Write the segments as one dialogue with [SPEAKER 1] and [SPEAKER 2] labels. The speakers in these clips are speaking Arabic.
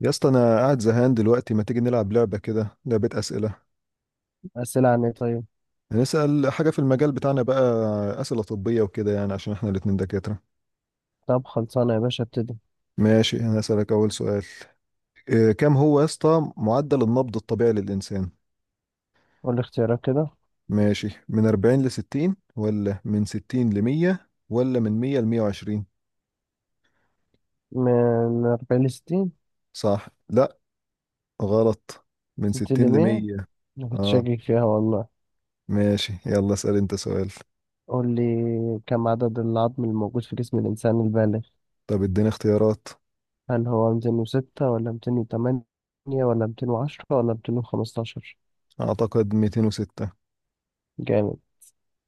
[SPEAKER 1] يا اسطى، انا قاعد زهقان دلوقتي. ما تيجي نلعب لعبة كده، لعبة أسئلة؟
[SPEAKER 2] أسئلة عن إيه طيب؟
[SPEAKER 1] هنسأل حاجة في المجال بتاعنا بقى، أسئلة طبية وكده يعني، عشان احنا الاتنين دكاترة.
[SPEAKER 2] طب خلصانة يا باشا ابتدي.
[SPEAKER 1] ماشي، انا هسألك أول سؤال. إيه كام هو يا اسطى معدل النبض الطبيعي للإنسان؟
[SPEAKER 2] قول لي اختيارات كده.
[SPEAKER 1] ماشي، من 40 ل 60، ولا من 60 ل 100، ولا من 100 ل 120؟
[SPEAKER 2] من 40 ل60.
[SPEAKER 1] صح؟ لا، غلط. من
[SPEAKER 2] ستين
[SPEAKER 1] 60 ل
[SPEAKER 2] ل100.
[SPEAKER 1] 100.
[SPEAKER 2] أنا كنت
[SPEAKER 1] اه،
[SPEAKER 2] شاكك فيها والله.
[SPEAKER 1] ماشي، يلا اسأل انت سؤال.
[SPEAKER 2] قول لي، كم عدد العظم الموجود في جسم الإنسان البالغ؟
[SPEAKER 1] طب اديني اختيارات.
[SPEAKER 2] هل هو 206 ولا 208 ولا 210 ولا 215؟
[SPEAKER 1] اعتقد 206.
[SPEAKER 2] جامد.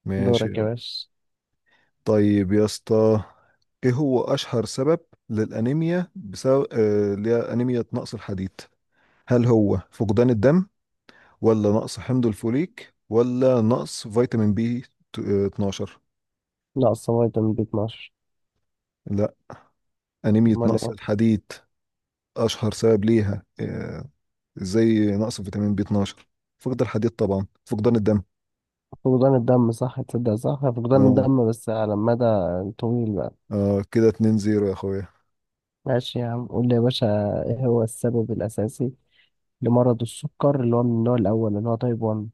[SPEAKER 1] ماشي.
[SPEAKER 2] دورك يا باشا.
[SPEAKER 1] طيب يا اسطى، ايه هو اشهر سبب للانيميا، بسبب اللي هي انيميا نقص الحديد؟ هل هو فقدان الدم، ولا نقص حمض الفوليك، ولا نقص فيتامين بي 12؟
[SPEAKER 2] ناقصة فيتامين بي 12.
[SPEAKER 1] لا، انيميا
[SPEAKER 2] أمال
[SPEAKER 1] نقص
[SPEAKER 2] إيه؟
[SPEAKER 1] الحديد، اشهر سبب ليها، زي نقص فيتامين بي 12، فقد الحديد، طبعا فقدان الدم.
[SPEAKER 2] فقدان الدم صح، تصدق صح، فقدان
[SPEAKER 1] اه.
[SPEAKER 2] الدم بس على مدى طويل بقى.
[SPEAKER 1] اه، كده 2-0 يا اخويا.
[SPEAKER 2] ماشي يا عم، قول لي يا باشا، إيه هو السبب الأساسي لمرض السكر اللي هو من النوع الأول اللي هو تايب 1؟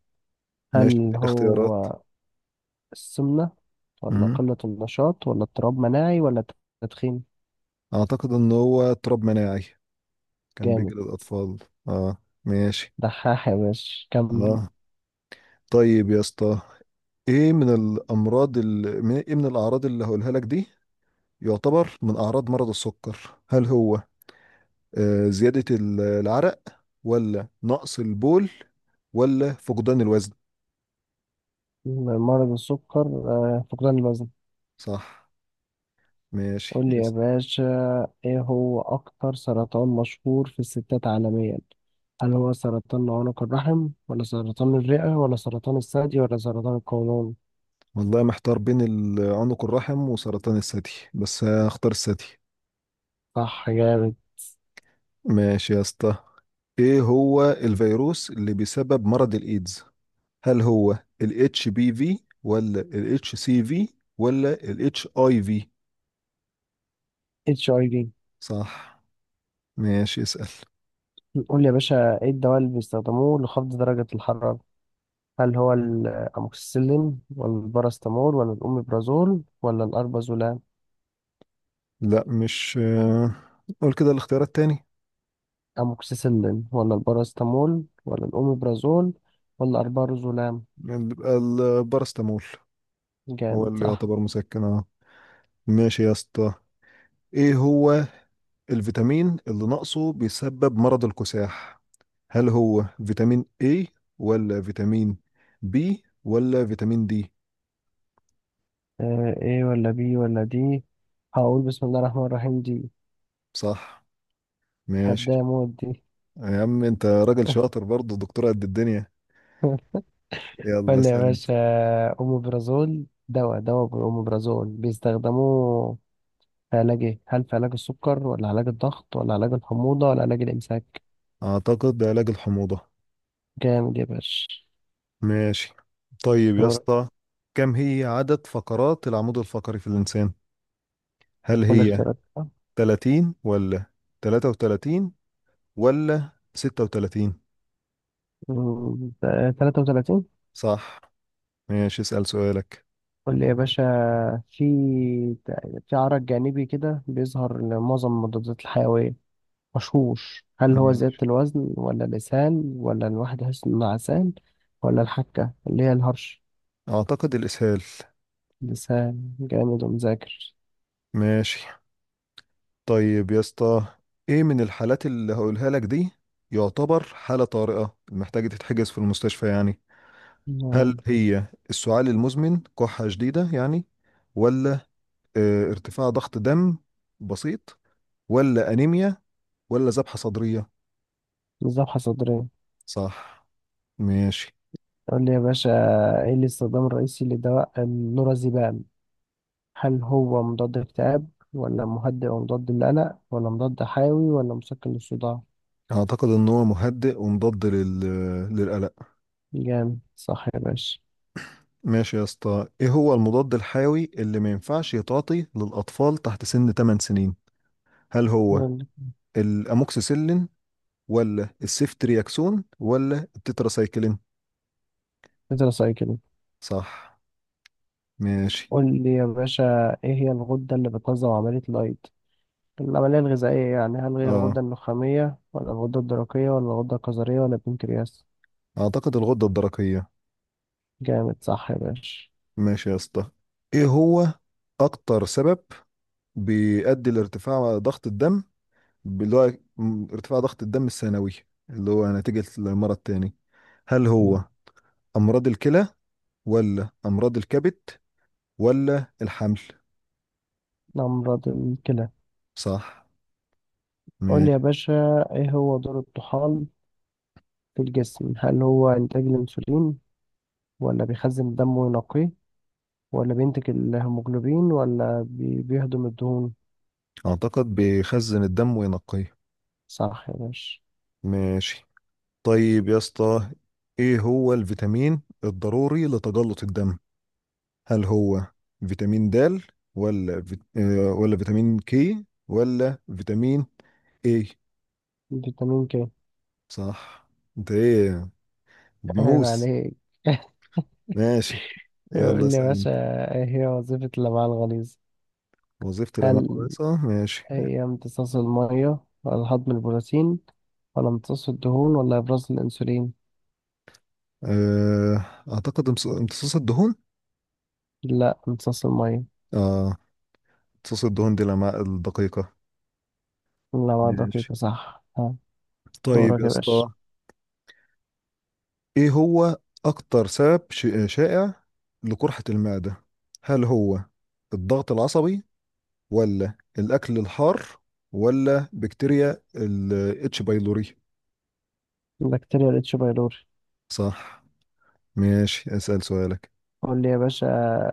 [SPEAKER 1] ماشي،
[SPEAKER 2] هل
[SPEAKER 1] اديني اختيارات.
[SPEAKER 2] هو السمنة ولا
[SPEAKER 1] مم.
[SPEAKER 2] قلة النشاط ولا اضطراب مناعي ولا تدخين؟
[SPEAKER 1] اعتقد ان هو اضطراب مناعي، كان بيجي
[SPEAKER 2] جامد.
[SPEAKER 1] للأطفال. اه، ماشي.
[SPEAKER 2] دحاح يا باشا. كم
[SPEAKER 1] اه، طيب يا اسطى، ايه من الأمراض ايه من الأعراض اللي هقولها لك دي يعتبر من أعراض مرض السكر؟ هل هو زيادة العرق، ولا نقص البول، ولا فقدان الوزن؟
[SPEAKER 2] مرض السكر، فقدان الوزن.
[SPEAKER 1] صح، ماشي،
[SPEAKER 2] قول لي يا
[SPEAKER 1] اسأل.
[SPEAKER 2] باشا، ايه هو أكتر سرطان مشهور في الستات عالميا؟ هل هو سرطان عنق الرحم ولا سرطان الرئة ولا سرطان الثدي ولا سرطان القولون؟
[SPEAKER 1] والله محتار بين عنق الرحم وسرطان الثدي، بس هختار الثدي.
[SPEAKER 2] صح جامد.
[SPEAKER 1] ماشي يا اسطى، ايه هو الفيروس اللي بيسبب مرض الايدز؟ هل هو ال HBV، ولا ال HCV، ولا ال HIV؟
[SPEAKER 2] اتش اي
[SPEAKER 1] صح، ماشي، اسأل.
[SPEAKER 2] في. قول لي يا باشا، ايه الدواء اللي بيستخدموه لخفض درجة الحرارة؟ هل هو الأموكسيسيلين ولا الباراسيتامول ولا الأوميبرازول ولا الأربازولام؟
[SPEAKER 1] لا، مش قول كده الاختيار التاني.
[SPEAKER 2] أموكسيسيلين ولا الباراسيتامول ولا الأوميبرازول ولا الأربازولام.
[SPEAKER 1] بيبقى البارستامول، هو
[SPEAKER 2] جامد
[SPEAKER 1] اللي
[SPEAKER 2] صح.
[SPEAKER 1] يعتبر مسكن. اه، ماشي يا اسطى، ايه هو الفيتامين اللي ناقصه بيسبب مرض الكساح؟ هل هو فيتامين A، ولا فيتامين B، ولا فيتامين D؟
[SPEAKER 2] إيه، ولا بي ولا دي. هقول بسم الله الرحمن الرحيم دي.
[SPEAKER 1] صح،
[SPEAKER 2] هبدأ
[SPEAKER 1] ماشي.
[SPEAKER 2] موت دي.
[SPEAKER 1] يا عم انت راجل شاطر برضه، دكتور قد الدنيا. يلا
[SPEAKER 2] ولا يا
[SPEAKER 1] اسأل انت.
[SPEAKER 2] باشا. أوميبرازول، دواء بالأوميبرازول بيستخدموه في علاج إيه؟ هل في علاج السكر ولا علاج الضغط ولا علاج الحموضة ولا علاج الإمساك؟
[SPEAKER 1] اعتقد علاج الحموضة.
[SPEAKER 2] جامد يا باشا.
[SPEAKER 1] ماشي. طيب يا
[SPEAKER 2] دورك.
[SPEAKER 1] اسطى، كم هي عدد فقرات العمود الفقري في الانسان؟ هل
[SPEAKER 2] قول
[SPEAKER 1] هي
[SPEAKER 2] اختيارات.
[SPEAKER 1] 30، ولا 33، ولا 36؟
[SPEAKER 2] 33.
[SPEAKER 1] صح، ماشي، اسأل سؤالك.
[SPEAKER 2] قول لي يا باشا، في في عرق جانبي كده بيظهر لمعظم المضادات الحيوية مشهوش. هل هو زيادة
[SPEAKER 1] ماشي،
[SPEAKER 2] الوزن ولا لسان ولا الواحد يحس إنه عسان ولا الحكة اللي هي الهرش؟
[SPEAKER 1] اعتقد الاسهال.
[SPEAKER 2] لسان. جامد ومذاكر.
[SPEAKER 1] ماشي. طيب يا اسطى، ايه من الحالات اللي هقولها لك دي يعتبر حالة طارئة محتاجة تتحجز في المستشفى يعني؟ هل
[SPEAKER 2] مم،
[SPEAKER 1] هي السعال المزمن، كحة شديدة يعني، ولا ارتفاع ضغط دم بسيط، ولا أنيميا، ولا ذبحة صدرية؟
[SPEAKER 2] مذبحة صدرية.
[SPEAKER 1] صح، ماشي.
[SPEAKER 2] قول لي يا باشا، ايه الاستخدام الرئيسي لدواء النورازيبام؟ هل هو مضاد اكتئاب ولا مهدئ ومضاد للقلق ولا مضاد حيوي ولا مسكن للصداع؟
[SPEAKER 1] أعتقد إن هو مهدئ ومضاد للقلق.
[SPEAKER 2] جامد صح يا باشا.
[SPEAKER 1] ماشي يا اسطى، إيه هو المضاد الحيوي اللي ما ينفعش يتعاطي للأطفال تحت سن 8 سنين؟ هل هو
[SPEAKER 2] يلا.
[SPEAKER 1] الأموكسيسيلين، ولا السيفترياكسون، ولا التتراسايكلين؟
[SPEAKER 2] ادرس سؤال كده.
[SPEAKER 1] صح، ماشي.
[SPEAKER 2] قول لي يا باشا، ايه هي الغدة اللي بتنظم عملية الأيض؟ العملية الغذائية يعني. هل هي
[SPEAKER 1] اه،
[SPEAKER 2] الغدة النخامية ولا الغدة الدرقية ولا الغدة الكظرية ولا البنكرياس؟
[SPEAKER 1] أعتقد الغدة الدرقية.
[SPEAKER 2] جامد صح يا باشا.
[SPEAKER 1] ماشي يا اسطى، إيه هو أكتر سبب بيؤدي لارتفاع ضغط الدم، اللي هو ارتفاع ضغط الدم الثانوي، اللي هو نتيجة المرض تاني؟ هل
[SPEAKER 2] مم.
[SPEAKER 1] هو أمراض الكلى، ولا أمراض الكبد، ولا الحمل؟
[SPEAKER 2] أمراض الكلى.
[SPEAKER 1] صح،
[SPEAKER 2] قول لي يا
[SPEAKER 1] ماشي.
[SPEAKER 2] باشا، ايه هو دور الطحال في الجسم؟ هل هو إنتاج الأنسولين ولا بيخزن الدم وينقيه ولا بينتج الهيموجلوبين ولا بيهضم الدهون؟
[SPEAKER 1] أعتقد بيخزن الدم وينقيه.
[SPEAKER 2] صح يا باشا.
[SPEAKER 1] ماشي. طيب يا اسطى، إيه هو الفيتامين الضروري لتجلط الدم؟ هل هو فيتامين د، ولا فيت... آه، ولا فيتامين كي، ولا فيتامين اي؟
[SPEAKER 2] فيتامين ك.
[SPEAKER 1] صح. انت ايه،
[SPEAKER 2] فاهم
[SPEAKER 1] بنوس؟
[SPEAKER 2] عليك.
[SPEAKER 1] ماشي،
[SPEAKER 2] يقول
[SPEAKER 1] يلا
[SPEAKER 2] لي
[SPEAKER 1] اسأل
[SPEAKER 2] باشا،
[SPEAKER 1] انت.
[SPEAKER 2] ايه هي وظيفة الأمعاء الغليظة؟
[SPEAKER 1] وظيفة الأمعاء
[SPEAKER 2] هل
[SPEAKER 1] الرئيسة، ماشي.
[SPEAKER 2] هي امتصاص المية ولا هضم البروتين ولا امتصاص الدهون ولا إبراز الأنسولين؟
[SPEAKER 1] أه... أعتقد امتصاص الدهون.
[SPEAKER 2] لا، امتصاص المية.
[SPEAKER 1] اه، امتصاص الدهون دي الأمعاء الدقيقة.
[SPEAKER 2] الأمعاء
[SPEAKER 1] ماشي.
[SPEAKER 2] الدقيقة صح. ها.
[SPEAKER 1] طيب
[SPEAKER 2] دورك
[SPEAKER 1] يا
[SPEAKER 2] يا باشا.
[SPEAKER 1] اسطى، ايه هو أكتر سبب شائع لقرحة المعدة؟ هل هو الضغط العصبي، ولا الأكل الحار، ولا بكتيريا ال اتش بايلوري؟
[SPEAKER 2] بكتيريا الاتش بايلوري.
[SPEAKER 1] صح، ماشي، اسأل سؤالك.
[SPEAKER 2] قول لي يا باشا،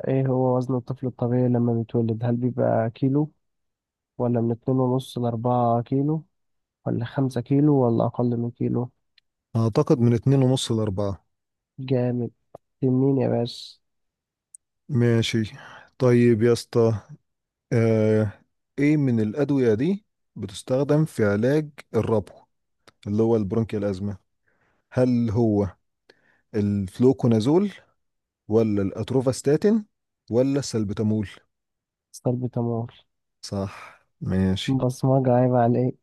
[SPEAKER 2] ايه هو وزن الطفل الطبيعي لما بيتولد؟ هل بيبقى كيلو ولا من 2.5 ل4 كيلو ولا 5 كيلو ولا أقل من كيلو؟
[SPEAKER 1] أعتقد من اتنين ونص لأربعة.
[SPEAKER 2] جامد. تنين يا باشا.
[SPEAKER 1] ماشي. طيب يا اسطى، آه، ايه من الأدوية دي بتستخدم في علاج الربو، اللي هو البرونكيال أزمة؟ هل هو الفلوكونازول، ولا الأتروفاستاتين، ولا السلبتامول؟
[SPEAKER 2] استر بتمور.
[SPEAKER 1] صح، ماشي.
[SPEAKER 2] بصمجة، عيب عليك.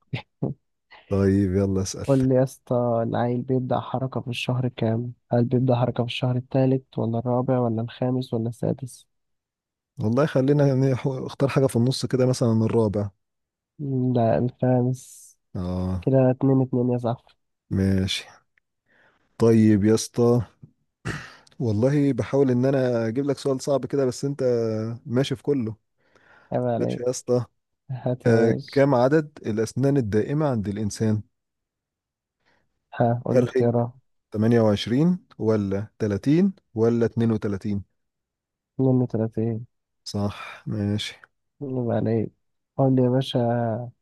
[SPEAKER 1] طيب يلا اسأل.
[SPEAKER 2] قول لي يا اسطى، العيل بيبدأ حركة في الشهر كام؟ هل بيبدأ حركة في الشهر التالت ولا الرابع ولا الخامس ولا السادس؟
[SPEAKER 1] والله خلينا يعني، اختار حاجة في النص كده، مثلا الرابع.
[SPEAKER 2] لا، الخامس.
[SPEAKER 1] اه،
[SPEAKER 2] كده 2-2 يا صاحبي.
[SPEAKER 1] ماشي. طيب يا اسطى، والله بحاول ان انا اجيب لك سؤال صعب كده، بس انت ماشي في كله.
[SPEAKER 2] عيب
[SPEAKER 1] ماشي
[SPEAKER 2] عليك.
[SPEAKER 1] يا اسطى،
[SPEAKER 2] هات يا باشا.
[SPEAKER 1] كم عدد الأسنان الدائمة عند الإنسان؟
[SPEAKER 2] ها، قول لي
[SPEAKER 1] هل هي
[SPEAKER 2] اختيارات.
[SPEAKER 1] 28، ولا 30، ولا 32؟
[SPEAKER 2] 32.
[SPEAKER 1] صح، ماشي.
[SPEAKER 2] عيب عليك. قول لي يا باشا،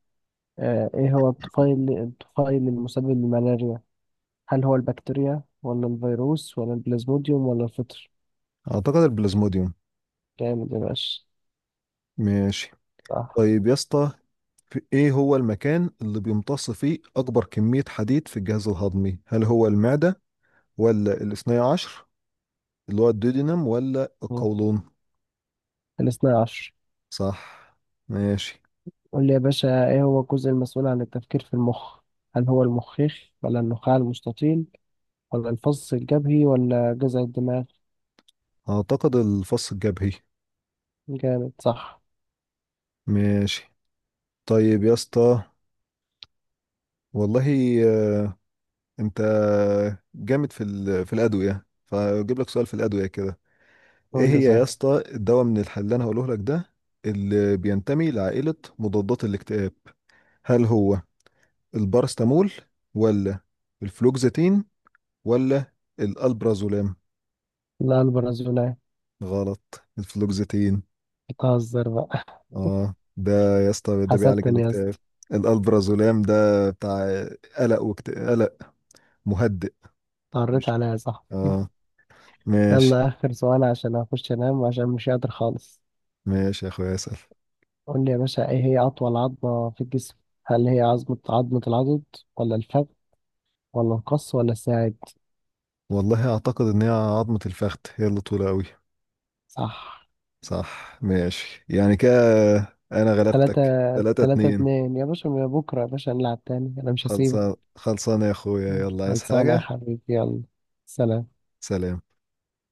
[SPEAKER 2] ايه هو الطفيل المسبب للملاريا؟ هل هو البكتيريا ولا الفيروس ولا البلازموديوم ولا الفطر؟
[SPEAKER 1] أعتقد البلازموديوم.
[SPEAKER 2] جامد يا باشا.
[SPEAKER 1] ماشي.
[SPEAKER 2] صح.
[SPEAKER 1] طيب يا اسطى، في إيه هو المكان اللي بيمتص فيه أكبر كمية حديد في الجهاز الهضمي؟ هل هو المعدة، ولا الاثني عشر اللي هو الديودينم، ولا
[SPEAKER 2] مم.
[SPEAKER 1] القولون؟
[SPEAKER 2] 12.
[SPEAKER 1] صح، ماشي.
[SPEAKER 2] قول لي يا باشا، ايه هو الجزء المسؤول عن التفكير في المخ؟ هل هو المخيخ ولا النخاع المستطيل ولا الفص الجبهي ولا جذع الدماغ؟
[SPEAKER 1] أعتقد الفص الجبهي.
[SPEAKER 2] جامد صح.
[SPEAKER 1] ماشي. طيب يا اسطى، والله انت جامد في في الادويه، فاجيب لك سؤال في الادويه كده. ايه
[SPEAKER 2] قول لي
[SPEAKER 1] هي يا
[SPEAKER 2] صح.
[SPEAKER 1] اسطى الدواء من الحل اللي انا هقوله لك ده، اللي بينتمي لعائله مضادات الاكتئاب؟ هل هو البارستامول، ولا الفلوكزيتين، ولا الالبرازولام؟
[SPEAKER 2] لا، البرازيلية.
[SPEAKER 1] غلط، الفلوكزيتين.
[SPEAKER 2] بتهزر بقى.
[SPEAKER 1] اه ده يا اسطى ده بيعالج
[SPEAKER 2] حسدتني يا
[SPEAKER 1] الاكتئاب.
[SPEAKER 2] اسطى.
[SPEAKER 1] الالبرازولام ده بتاع قلق وقلق، مهدئ.
[SPEAKER 2] قريت
[SPEAKER 1] مش،
[SPEAKER 2] عليها صح.
[SPEAKER 1] اه، ماشي.
[SPEAKER 2] يلا اخر سؤال عشان اخش انام وعشان مش قادر خالص.
[SPEAKER 1] ماشي يا اخويا، اسال.
[SPEAKER 2] قول لي يا باشا، ايه هي اطول عظمة في الجسم؟ هل هي عظمة العضد ولا الفخذ ولا القص ولا الساعد؟
[SPEAKER 1] والله اعتقد ان هي عظمة الفخذ، هي اللي طولة قوي.
[SPEAKER 2] صح.
[SPEAKER 1] صح، ماشي. يعني كده انا
[SPEAKER 2] تلاتة.
[SPEAKER 1] غلبتك 3
[SPEAKER 2] تلاتة
[SPEAKER 1] 2
[SPEAKER 2] اتنين يا باشا. من بكرة يا باشا هنلعب تاني، أنا مش هسيبك.
[SPEAKER 1] خلصان خلصان يا اخويا. يلا، عايز
[SPEAKER 2] خلصانة يا
[SPEAKER 1] حاجة؟
[SPEAKER 2] حبيبي. يلا. سلام.
[SPEAKER 1] سلام.